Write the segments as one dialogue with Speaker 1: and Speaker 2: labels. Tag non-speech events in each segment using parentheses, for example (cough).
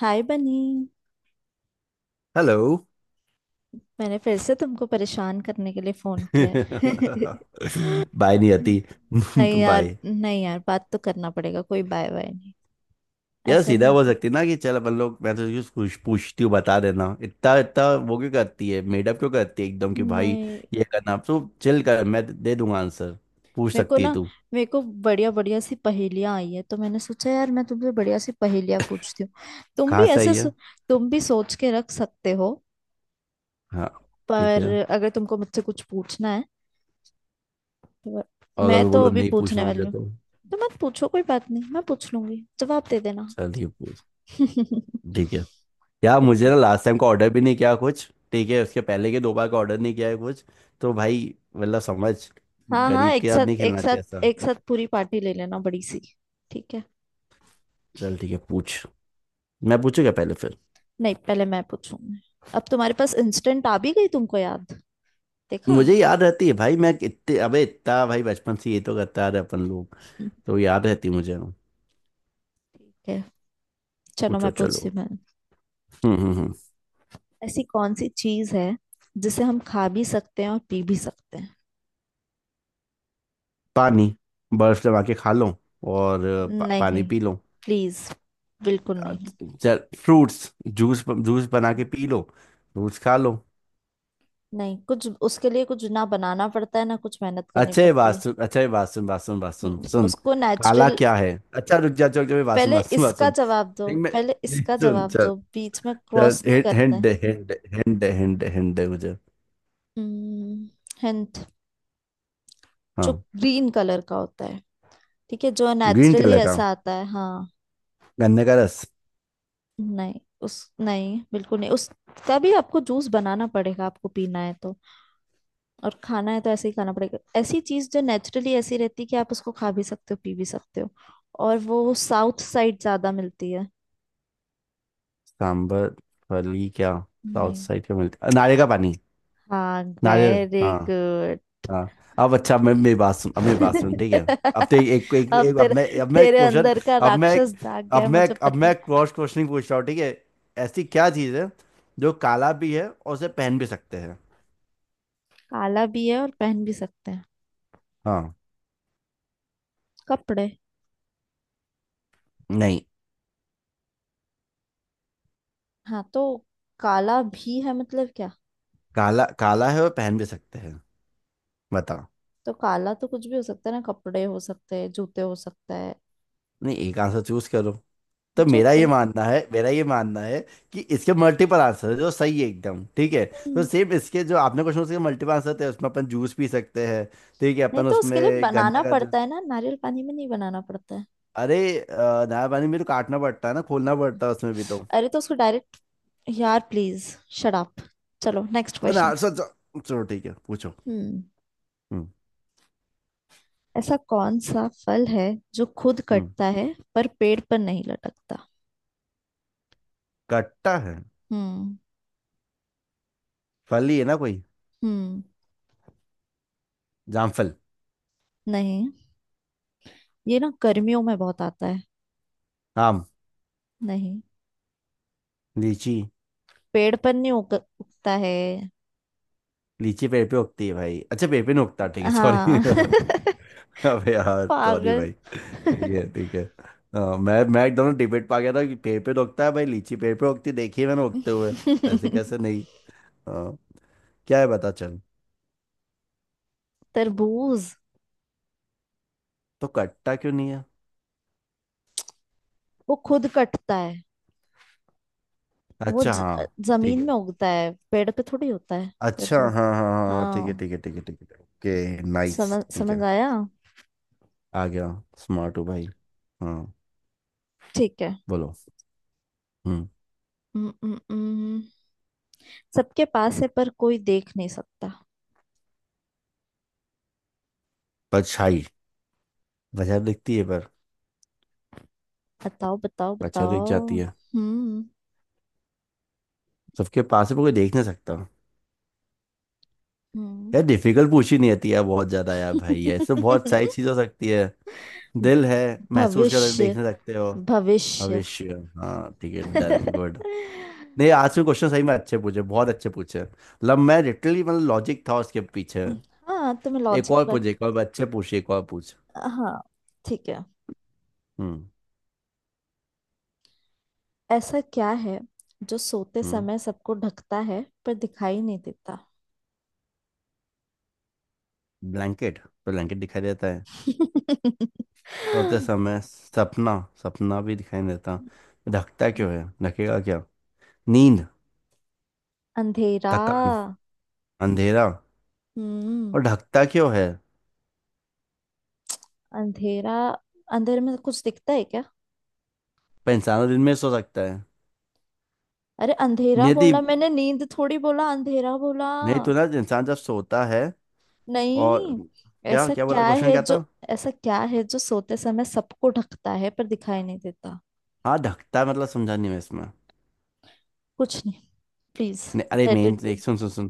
Speaker 1: हाय Bunny.
Speaker 2: Hello.
Speaker 1: मैंने फिर से तुमको परेशान करने के लिए फोन किया है।
Speaker 2: बाय। (laughs) नहीं आती।
Speaker 1: (laughs) नहीं
Speaker 2: (laughs)
Speaker 1: यार
Speaker 2: बाय।
Speaker 1: नहीं यार बात तो करना पड़ेगा, कोई बाय बाय नहीं।
Speaker 2: यार,
Speaker 1: ऐसा नहीं
Speaker 2: सीधा बोल
Speaker 1: होता।
Speaker 2: सकती ना कि चल अपन लोग, मैं तुझे कुछ पूछती हूँ, बता देना। इतना इतना वो क्यों करती है, मेडअप क्यों करती है एकदम, कि भाई।
Speaker 1: नहीं।
Speaker 2: ये करना तो चिल कर, मैं दे दूंगा आंसर। पूछ
Speaker 1: मेरे को
Speaker 2: सकती है
Speaker 1: ना
Speaker 2: तू।
Speaker 1: मेरे को बढ़िया बढ़िया सी पहेलियां आई है, तो मैंने सोचा यार मैं तुमसे बढ़िया सी पहेलियां पूछती हूँ। तुम भी
Speaker 2: कहाँ से
Speaker 1: ऐसे
Speaker 2: आई है?
Speaker 1: सो- तुम भी सोच के रख सकते हो।
Speaker 2: हाँ, ठीक
Speaker 1: पर
Speaker 2: है।
Speaker 1: अगर तुमको मुझसे कुछ पूछना है तो।
Speaker 2: और
Speaker 1: मैं
Speaker 2: अगर
Speaker 1: तो
Speaker 2: बोलो
Speaker 1: अभी
Speaker 2: नहीं
Speaker 1: पूछने
Speaker 2: पूछना
Speaker 1: वाली
Speaker 2: मुझे
Speaker 1: हूँ।
Speaker 2: तो।
Speaker 1: तो मत पूछो, कोई बात नहीं, मैं पूछ लूंगी, जवाब दे देना।
Speaker 2: चल ठीक है पूछ। ठीक है। यार, मुझे ना
Speaker 1: (laughs)
Speaker 2: लास्ट टाइम का ऑर्डर भी नहीं किया कुछ, ठीक है, उसके पहले के दो बार का ऑर्डर नहीं किया है कुछ। तो भाई मतलब समझ।
Speaker 1: हाँ हाँ,
Speaker 2: गरीब
Speaker 1: एक
Speaker 2: के साथ नहीं
Speaker 1: साथ, एक
Speaker 2: खेलना चाहिए
Speaker 1: साथ,
Speaker 2: ऐसा।
Speaker 1: एक साथ पूरी पार्टी ले लेना बड़ी सी। ठीक है।
Speaker 2: चल ठीक है पूछ। मैं पूछूंगा पहले, फिर
Speaker 1: नहीं, पहले मैं पूछूंगी। अब तुम्हारे पास इंस्टेंट आ भी गई तुमको याद। देखा।
Speaker 2: मुझे याद रहती है भाई। मैं इतने अबे इतना भाई बचपन से ये तो करता आ रहे अपन लोग।
Speaker 1: ठीक
Speaker 2: तो याद रहती है मुझे।
Speaker 1: है, चलो मैं
Speaker 2: पूछो
Speaker 1: पूछती
Speaker 2: चलो।
Speaker 1: हूँ मैं।
Speaker 2: हम्म, हम्म, हम्म।
Speaker 1: ऐसी कौन सी चीज है जिसे हम खा भी सकते हैं और पी भी सकते हैं?
Speaker 2: पानी। बर्फ जमा के खा लो और पानी
Speaker 1: नहीं।
Speaker 2: P low.
Speaker 1: प्लीज। बिल्कुल नहीं।
Speaker 2: चल, फ्रूट्स। जूस जूस बना के पी लो। फ्रूट्स खा लो।
Speaker 1: नहीं, कुछ उसके लिए कुछ ना बनाना पड़ता है, ना कुछ मेहनत करनी
Speaker 2: अच्छा ये
Speaker 1: पड़ती
Speaker 2: बात
Speaker 1: है।
Speaker 2: सुन, अच्छा ये बात सुन, बात सुन, बात सुन, सुन।
Speaker 1: उसको
Speaker 2: काला
Speaker 1: नेचुरल।
Speaker 2: क्या है? अच्छा रुक जा, चौक जा, बात सुन,
Speaker 1: पहले
Speaker 2: बात सुन, बात
Speaker 1: इसका
Speaker 2: सुन।
Speaker 1: जवाब दो।
Speaker 2: नहीं मैं।
Speaker 1: पहले
Speaker 2: नहीं
Speaker 1: इसका
Speaker 2: सुन
Speaker 1: जवाब
Speaker 2: चल।
Speaker 1: दो, बीच में
Speaker 2: चल
Speaker 1: क्रॉस नहीं
Speaker 2: हिंट
Speaker 1: करते।
Speaker 2: Hint hint, hint hint hint मुझे।
Speaker 1: हिंट। जो
Speaker 2: हाँ।
Speaker 1: ग्रीन कलर का होता है। ठीक है, जो
Speaker 2: ग्रीन
Speaker 1: नेचुरली
Speaker 2: कलर का।
Speaker 1: ऐसा आता है, हाँ।
Speaker 2: गन्ने का रस।
Speaker 1: नहीं, उस नहीं, बिल्कुल नहीं, उसका भी आपको जूस बनाना पड़ेगा आपको पीना है तो। और खाना है तो ऐसे ही खाना पड़ेगा। ऐसी चीज जो नेचुरली ऐसी रहती है कि आप उसको खा भी सकते हो पी भी सकते हो। और वो साउथ साइड ज्यादा मिलती है।
Speaker 2: सांबर। फली क्या। साउथ
Speaker 1: नहीं।
Speaker 2: साइड का मिलता नारियल का पानी।
Speaker 1: हाँ,
Speaker 2: नारियल।
Speaker 1: वेरी
Speaker 2: हाँ।
Speaker 1: गुड।
Speaker 2: हाँ, अब अच्छा, अब मैं मेरी बात सुन, अब मेरी बात सुन, ठीक है। अब तो
Speaker 1: (laughs)
Speaker 2: एक एक,
Speaker 1: अब
Speaker 2: अब मैं
Speaker 1: तेरे
Speaker 2: अब मैं
Speaker 1: तेरे
Speaker 2: क्वेश्चन।
Speaker 1: अंदर का
Speaker 2: अब मैं
Speaker 1: राक्षस जाग गया
Speaker 2: अब
Speaker 1: है,
Speaker 2: मैं
Speaker 1: मुझे
Speaker 2: अब
Speaker 1: पता है।
Speaker 2: मैं क्रॉस क्वेश्चनिंग पूछ रहा हूँ, ठीक है। ऐसी क्या चीज़ है जो काला भी है और उसे पहन भी सकते हैं?
Speaker 1: काला भी है और पहन भी सकते हैं?
Speaker 2: हाँ।
Speaker 1: कपड़े।
Speaker 2: नहीं।
Speaker 1: हाँ तो, काला भी है मतलब क्या?
Speaker 2: काला काला है और पहन भी सकते हैं।
Speaker 1: तो काला तो कुछ भी हो सकता है ना, कपड़े हो सकते हैं, जूते हो सकता है।
Speaker 2: नहीं, एक आंसर चूज करो। तो मेरा ये
Speaker 1: जूते।
Speaker 2: मानना है, मेरा ये मानना है कि इसके मल्टीपल आंसर है जो सही है एकदम, ठीक है। तो
Speaker 1: हम्म।
Speaker 2: सेम इसके जो आपने क्वेश्चन, उसके मल्टीपल आंसर थे, उसमें अपन जूस पी सकते हैं। ठीक है,
Speaker 1: नहीं
Speaker 2: अपन
Speaker 1: तो
Speaker 2: उसमें
Speaker 1: उसके लिए बनाना
Speaker 2: गन्ने का
Speaker 1: पड़ता
Speaker 2: जूस।
Speaker 1: है ना, नारियल पानी में नहीं बनाना पड़ता है।
Speaker 2: अरे नया पानी मेरे को काटना पड़ता है ना, खोलना पड़ता है उसमें भी तो।
Speaker 1: अरे तो उसको डायरेक्ट। यार प्लीज, शट अप। चलो नेक्स्ट
Speaker 2: पर
Speaker 1: क्वेश्चन।
Speaker 2: आंसर, चलो चलो, ठीक है, पूछो।
Speaker 1: हम्म।
Speaker 2: हम्म,
Speaker 1: ऐसा कौन सा फल है जो खुद
Speaker 2: हम्म।
Speaker 1: कटता है पर पेड़ पर नहीं लटकता?
Speaker 2: कट्टा है?
Speaker 1: हम्म।
Speaker 2: फल ही है ना कोई?
Speaker 1: हम्म।
Speaker 2: जामफल।
Speaker 1: नहीं, ये ना गर्मियों में बहुत आता है।
Speaker 2: आम।
Speaker 1: नहीं।
Speaker 2: लीची।
Speaker 1: पेड़ पर नहीं उगता है।
Speaker 2: लीची पेड़ पे उगती है भाई। अच्छा, पेड़ पे नहीं उगता, ठीक है, सॉरी।
Speaker 1: हाँ। (laughs)
Speaker 2: (laughs) अबे यार सॉरी
Speaker 1: पागल।
Speaker 2: भाई। ठीक है, ठीक है। हाँ, मैं एकदम डिबेट पा गया था कि पेड़ पे उगता है भाई, लीची पेड़ पे उगती देखी है मैंने उगते हुए। ऐसे
Speaker 1: (laughs)
Speaker 2: कैसे नहीं? हाँ, क्या है बता चल।
Speaker 1: तरबूज।
Speaker 2: तो कट्टा क्यों नहीं है?
Speaker 1: वो खुद कटता है। वो
Speaker 2: अच्छा, हाँ, ठीक
Speaker 1: जमीन
Speaker 2: है।
Speaker 1: में उगता है, पेड़ पे थोड़ी होता है।
Speaker 2: अच्छा,
Speaker 1: तरबूज।
Speaker 2: हाँ हाँ हाँ हाँ, ठीक है
Speaker 1: हाँ।
Speaker 2: ठीक है ठीक है ठीक है, ओके, नाइस,
Speaker 1: समझ
Speaker 2: ठीक है।
Speaker 1: समझ आया।
Speaker 2: आ गया। स्मार्ट हो भाई। हाँ।
Speaker 1: ठीक है।
Speaker 2: बोलो। हम्म।
Speaker 1: हम्म। हम्म। हम्म। सबके पास है पर कोई देख नहीं सकता।
Speaker 2: परछाई। वजह दिखती है पर।
Speaker 1: बताओ, बताओ,
Speaker 2: परछाई तो दिख
Speaker 1: बताओ।
Speaker 2: जाती है।
Speaker 1: हम्म।
Speaker 2: सबके पास है पर कोई देख नहीं सकता।
Speaker 1: हम्म।
Speaker 2: यार, डिफिकल्ट पूछी नहीं आती यार, बहुत ज्यादा यार भाई, ऐसे तो बहुत सारी चीज हो सकती है।
Speaker 1: (laughs)
Speaker 2: दिल है, महसूस कर,
Speaker 1: भविष्य।
Speaker 2: देखने सकते हो।
Speaker 1: भविष्य।
Speaker 2: भविष्य। हाँ, ठीक है, डन, गुड।
Speaker 1: (laughs)
Speaker 2: नहीं, आज के क्वेश्चन सही में अच्छे पूछे, बहुत अच्छे पूछे, मतलब मैं लिटरली, मतलब लॉजिक था उसके पीछे।
Speaker 1: हाँ, तुम्हें
Speaker 2: एक
Speaker 1: लॉजिक
Speaker 2: और
Speaker 1: पर।
Speaker 2: पूछ, एक और अच्छे पूछ, एक और पूछ।
Speaker 1: हाँ। ठीक है।
Speaker 2: हम्म,
Speaker 1: ऐसा क्या है जो सोते
Speaker 2: हम्म।
Speaker 1: समय सबको ढकता है पर दिखाई नहीं देता?
Speaker 2: ब्लैंकेट, तो ब्लैंकेट दिखाई देता है। सोते
Speaker 1: (laughs)
Speaker 2: समय सपना। सपना भी दिखाई नहीं देता। ढकता क्यों है? ढकेगा क्या? नींद।
Speaker 1: अंधेरा।
Speaker 2: थकान। अंधेरा।
Speaker 1: हम्म।
Speaker 2: और ढकता क्यों है?
Speaker 1: अंधेरा। अंधेरे में कुछ दिखता है क्या?
Speaker 2: पर इंसान तो दिन में सो सकता है।
Speaker 1: अरे अंधेरा
Speaker 2: नियति।
Speaker 1: बोला मैंने, नींद थोड़ी बोला, अंधेरा बोला।
Speaker 2: नहीं, तो ना इंसान जब सोता है और।
Speaker 1: नहीं।
Speaker 2: क्या
Speaker 1: ऐसा
Speaker 2: क्या बोला,
Speaker 1: क्या
Speaker 2: क्वेश्चन
Speaker 1: है
Speaker 2: क्या
Speaker 1: जो।
Speaker 2: था?
Speaker 1: ऐसा क्या है जो सोते समय सबको ढकता है पर दिखाई नहीं देता?
Speaker 2: हाँ, ढकता मतलब समझा नहीं मैं इसमें।
Speaker 1: कुछ नहीं। प्लीज।
Speaker 2: नहीं अरे
Speaker 1: लेट
Speaker 2: मेन,
Speaker 1: इट
Speaker 2: एक
Speaker 1: बी।
Speaker 2: सुन सुन सुन।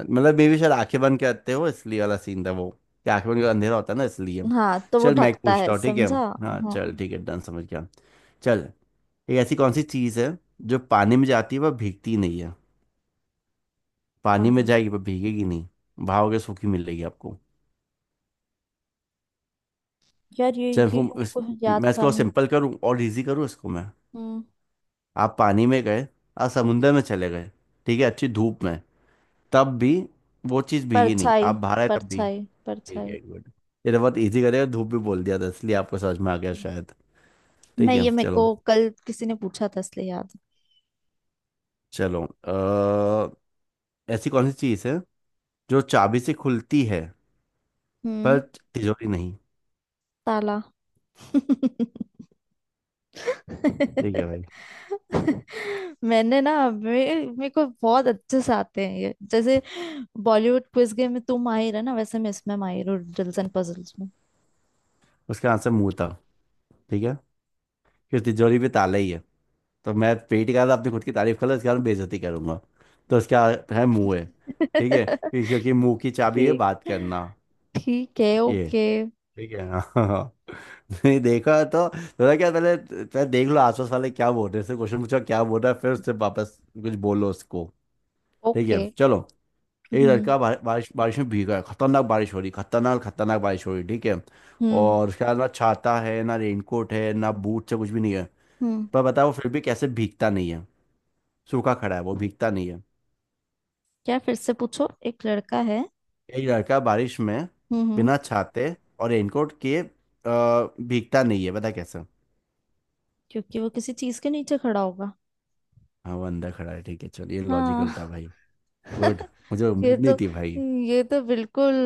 Speaker 2: मतलब मे भी शायद आंखें बंद करते हो इसलिए वाला सीन था वो, कि आंखें बंद कर अंधेरा होता है ना इसलिए।
Speaker 1: हाँ तो वो
Speaker 2: चल मैं एक
Speaker 1: ढकता है,
Speaker 2: पूछता हूँ, ठीक है।
Speaker 1: समझा।
Speaker 2: हाँ
Speaker 1: हाँ।
Speaker 2: चल, ठीक है, डन, समझ गया। चल, एक ऐसी कौन सी चीज़ है जो पानी में जाती है पर भीगती नहीं है? पानी में
Speaker 1: हाँ।
Speaker 2: जाएगी पर भीगेगी नहीं। भागोगे सूखी मिलेगी आपको।
Speaker 1: यार ये
Speaker 2: चल
Speaker 1: ये मेरे को याद
Speaker 2: मैं
Speaker 1: था
Speaker 2: इसको
Speaker 1: मैं।
Speaker 2: सिंपल करूँ और इजी करूँ इसको मैं।
Speaker 1: हम्म।
Speaker 2: आप पानी में गए, आप समुंदर में चले गए, ठीक है, अच्छी धूप में, तब भी वो चीज भीगी नहीं,
Speaker 1: परछाई,
Speaker 2: आप बाहर आए तब भी।
Speaker 1: परछाई,
Speaker 2: ठीक
Speaker 1: परछाई।
Speaker 2: है, गुड। ये तो बहुत इजी करेगा, धूप भी बोल दिया था इसलिए आपको समझ में आ गया शायद। ठीक
Speaker 1: नहीं,
Speaker 2: है,
Speaker 1: ये मेरे को
Speaker 2: चलो।
Speaker 1: कल किसी ने पूछा था, इसलिए याद है।
Speaker 2: चलो ऐसी कौन सी चीज है जो चाबी से खुलती है
Speaker 1: हम्म।
Speaker 2: पर तिजोरी नहीं?
Speaker 1: ताला।
Speaker 2: ठीक है
Speaker 1: (laughs)
Speaker 2: भाई।
Speaker 1: मैंने ना, मे मेरे को बहुत अच्छे से आते हैं ये, जैसे बॉलीवुड क्विज गेम में तू माहिर है ना, वैसे मैं इसमें माहिर हूँ रिडल्स एंड पजल्स में।
Speaker 2: उसका आंसर मुंह था। ठीक है। फिर तिजोरी भी ताला ही है। तो मैं पेट का था, अपनी खुद की तारीफ कर लो, इसके कारण बेइज्जती करूंगा। तो उसका है, मुंह है। ठीक है,
Speaker 1: (laughs)
Speaker 2: क्योंकि क्योंकि मुंह की चाबी है बात
Speaker 1: ठीक।
Speaker 2: करना।
Speaker 1: ठीक है।
Speaker 2: ये
Speaker 1: ओके।
Speaker 2: ठीक है, हाँ। (laughs) नहीं देखा तो थोड़ा क्या पहले, पहले देख लो आसपास वाले क्या बोल रहे हैं, से क्वेश्चन पूछो क्या बोल रहा है फिर उससे वापस कुछ बोलो उसको। ठीक
Speaker 1: ओके।
Speaker 2: है चलो। एक
Speaker 1: हम्म।
Speaker 2: लड़का बारिश बारिश में भीगा है, खतरनाक बारिश हो रही, खतरनाक खतरनाक बारिश हो रही, ठीक है।
Speaker 1: हम्म।
Speaker 2: और उसका ना छाता है, ना रेनकोट है, ना बूट से कुछ भी नहीं है।
Speaker 1: हम्म।
Speaker 2: पर बताओ वो फिर भी कैसे भीगता नहीं है? सूखा खड़ा है वो, भीगता नहीं है।
Speaker 1: क्या? फिर से पूछो, एक लड़का है।
Speaker 2: एक लड़का बारिश में
Speaker 1: हम्म, हम्म।
Speaker 2: बिना छाते और रेनकोट के, भीगता नहीं है, बता कैसे।
Speaker 1: क्योंकि वो किसी चीज के नीचे खड़ा होगा।
Speaker 2: हाँ वो अंदर खड़ा है, ठीक है चलो, ये लॉजिकल था
Speaker 1: हाँ।
Speaker 2: भाई। गुड।
Speaker 1: (laughs)
Speaker 2: मुझे
Speaker 1: ये
Speaker 2: उम्मीद नहीं
Speaker 1: तो
Speaker 2: थी भाई।
Speaker 1: ये तो बिल्कुल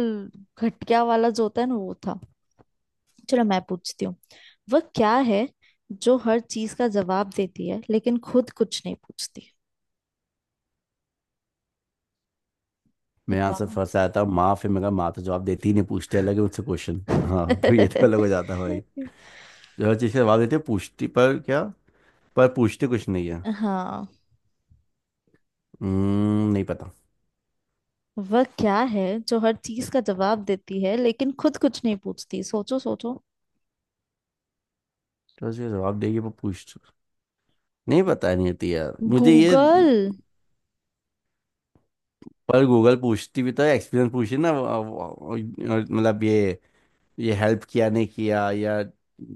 Speaker 1: घटिया वाला जो होता है ना, वो था। चलो मैं पूछती हूँ। वह क्या है जो हर चीज का जवाब देती है लेकिन खुद कुछ नहीं पूछती?
Speaker 2: मैं यहाँ से
Speaker 1: बताओ।
Speaker 2: फंसा था माँ, फिर मैं कहा माँ तो जवाब देती ही नहीं, पूछते अलग है मुझसे क्वेश्चन, हाँ, तो ये तो अलग हो जाता है भाई। जो हर चीज़ का जवाब देते हैं, पूछती पर क्या? पर पूछते कुछ नहीं है।
Speaker 1: (laughs) हाँ।
Speaker 2: हम्म, नहीं पता।
Speaker 1: वह क्या है जो हर चीज का जवाब देती है लेकिन खुद कुछ नहीं पूछती? सोचो, सोचो।
Speaker 2: तो उसके जवाब देगी पर पूछ नहीं। पता नहीं होती यार मुझे ये।
Speaker 1: गूगल।
Speaker 2: पर गूगल पूछती भी तो एक्सपीरियंस पूछी ना मतलब ये हेल्प किया नहीं किया, या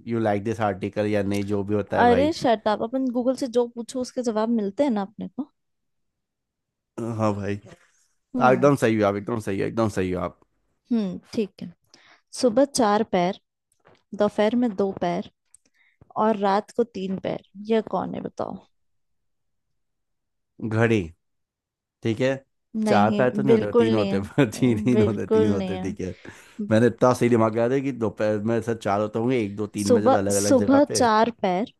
Speaker 2: यू लाइक दिस आर्टिकल या नहीं, जो भी होता है
Speaker 1: अरे
Speaker 2: भाई।
Speaker 1: शट अप, अपन गूगल से जो पूछो उसके जवाब मिलते हैं ना अपने को।
Speaker 2: हाँ भाई,
Speaker 1: हम्म।
Speaker 2: एकदम सही हो आप, एकदम सही हो, एकदम सही हो आप।
Speaker 1: हम्म, ठीक है। सुबह चार पैर, दोपहर में दो पैर, और रात को तीन पैर, यह कौन है बताओ?
Speaker 2: घड़ी। ठीक है। चार
Speaker 1: नहीं,
Speaker 2: पैर तो नहीं होते,
Speaker 1: बिल्कुल
Speaker 2: तीन
Speaker 1: नहीं
Speaker 2: होते (laughs)
Speaker 1: है।
Speaker 2: हैं, पर तीन तीन होते,
Speaker 1: बिल्कुल
Speaker 2: तीन
Speaker 1: नहीं
Speaker 2: होते,
Speaker 1: है।
Speaker 2: ठीक है। मैंने इतना सही दिमाग लगा था कि दोपहर में सर चार होते होंगे, एक दो तीन बजे तो
Speaker 1: सुबह
Speaker 2: अलग अलग जगह
Speaker 1: सुबह
Speaker 2: पे।
Speaker 1: चार पैर,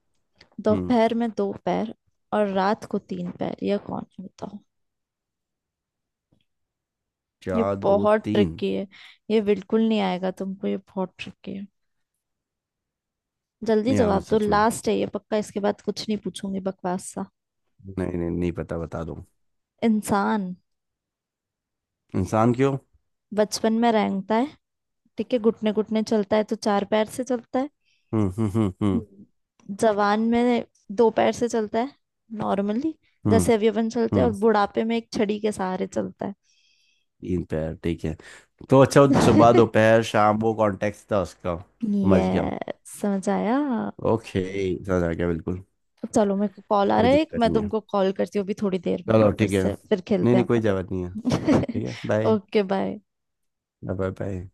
Speaker 2: हम्म।
Speaker 1: दोपहर में दो पैर, और रात को तीन पैर, यह कौन है बताओ? ये
Speaker 2: चार, दो,
Speaker 1: बहुत
Speaker 2: तीन।
Speaker 1: ट्रिकी है। ये बिल्कुल नहीं आएगा तुमको, ये बहुत ट्रिकी है। जल्दी
Speaker 2: नहीं यार, मुझे
Speaker 1: जवाब दो,
Speaker 2: सच में
Speaker 1: लास्ट है ये पक्का, इसके बाद कुछ नहीं पूछूंगी, बकवास सा।
Speaker 2: नहीं, नहीं, नहीं पता, बता दो।
Speaker 1: इंसान।
Speaker 2: इंसान क्यों?
Speaker 1: बचपन में रेंगता है, ठीक है, घुटने घुटने चलता है तो चार पैर से चलता है।
Speaker 2: हम्म, हम्म, हम्म, हम्म,
Speaker 1: हम्म, जवान में दो पैर से चलता है, नॉर्मली,
Speaker 2: हम्म,
Speaker 1: जैसे अभी अपन चलते हैं, और
Speaker 2: हम्म।
Speaker 1: बुढ़ापे में एक छड़ी के सहारे चलता है।
Speaker 2: तीन पैर ठीक है। तो अच्छा, सुबह
Speaker 1: (laughs)
Speaker 2: दोपहर शाम वो कॉन्टेक्स्ट था उसका।
Speaker 1: ये
Speaker 2: समझ गया।
Speaker 1: समझ आया।
Speaker 2: ओके। समझ आ गया बिल्कुल।
Speaker 1: चलो मेरे को कॉल आ
Speaker 2: कोई
Speaker 1: रहा है एक,
Speaker 2: दिक्कत
Speaker 1: मैं
Speaker 2: नहीं है।
Speaker 1: तुमको कॉल करती हूँ अभी थोड़ी देर में,
Speaker 2: चलो
Speaker 1: फिर
Speaker 2: ठीक है,
Speaker 1: से फिर
Speaker 2: नहीं
Speaker 1: खेलते
Speaker 2: नहीं,
Speaker 1: हैं
Speaker 2: कोई जरूरत नहीं है।
Speaker 1: अपन।
Speaker 2: ठीक है,
Speaker 1: (laughs)
Speaker 2: bye.
Speaker 1: Okay bye.
Speaker 2: Bye bye.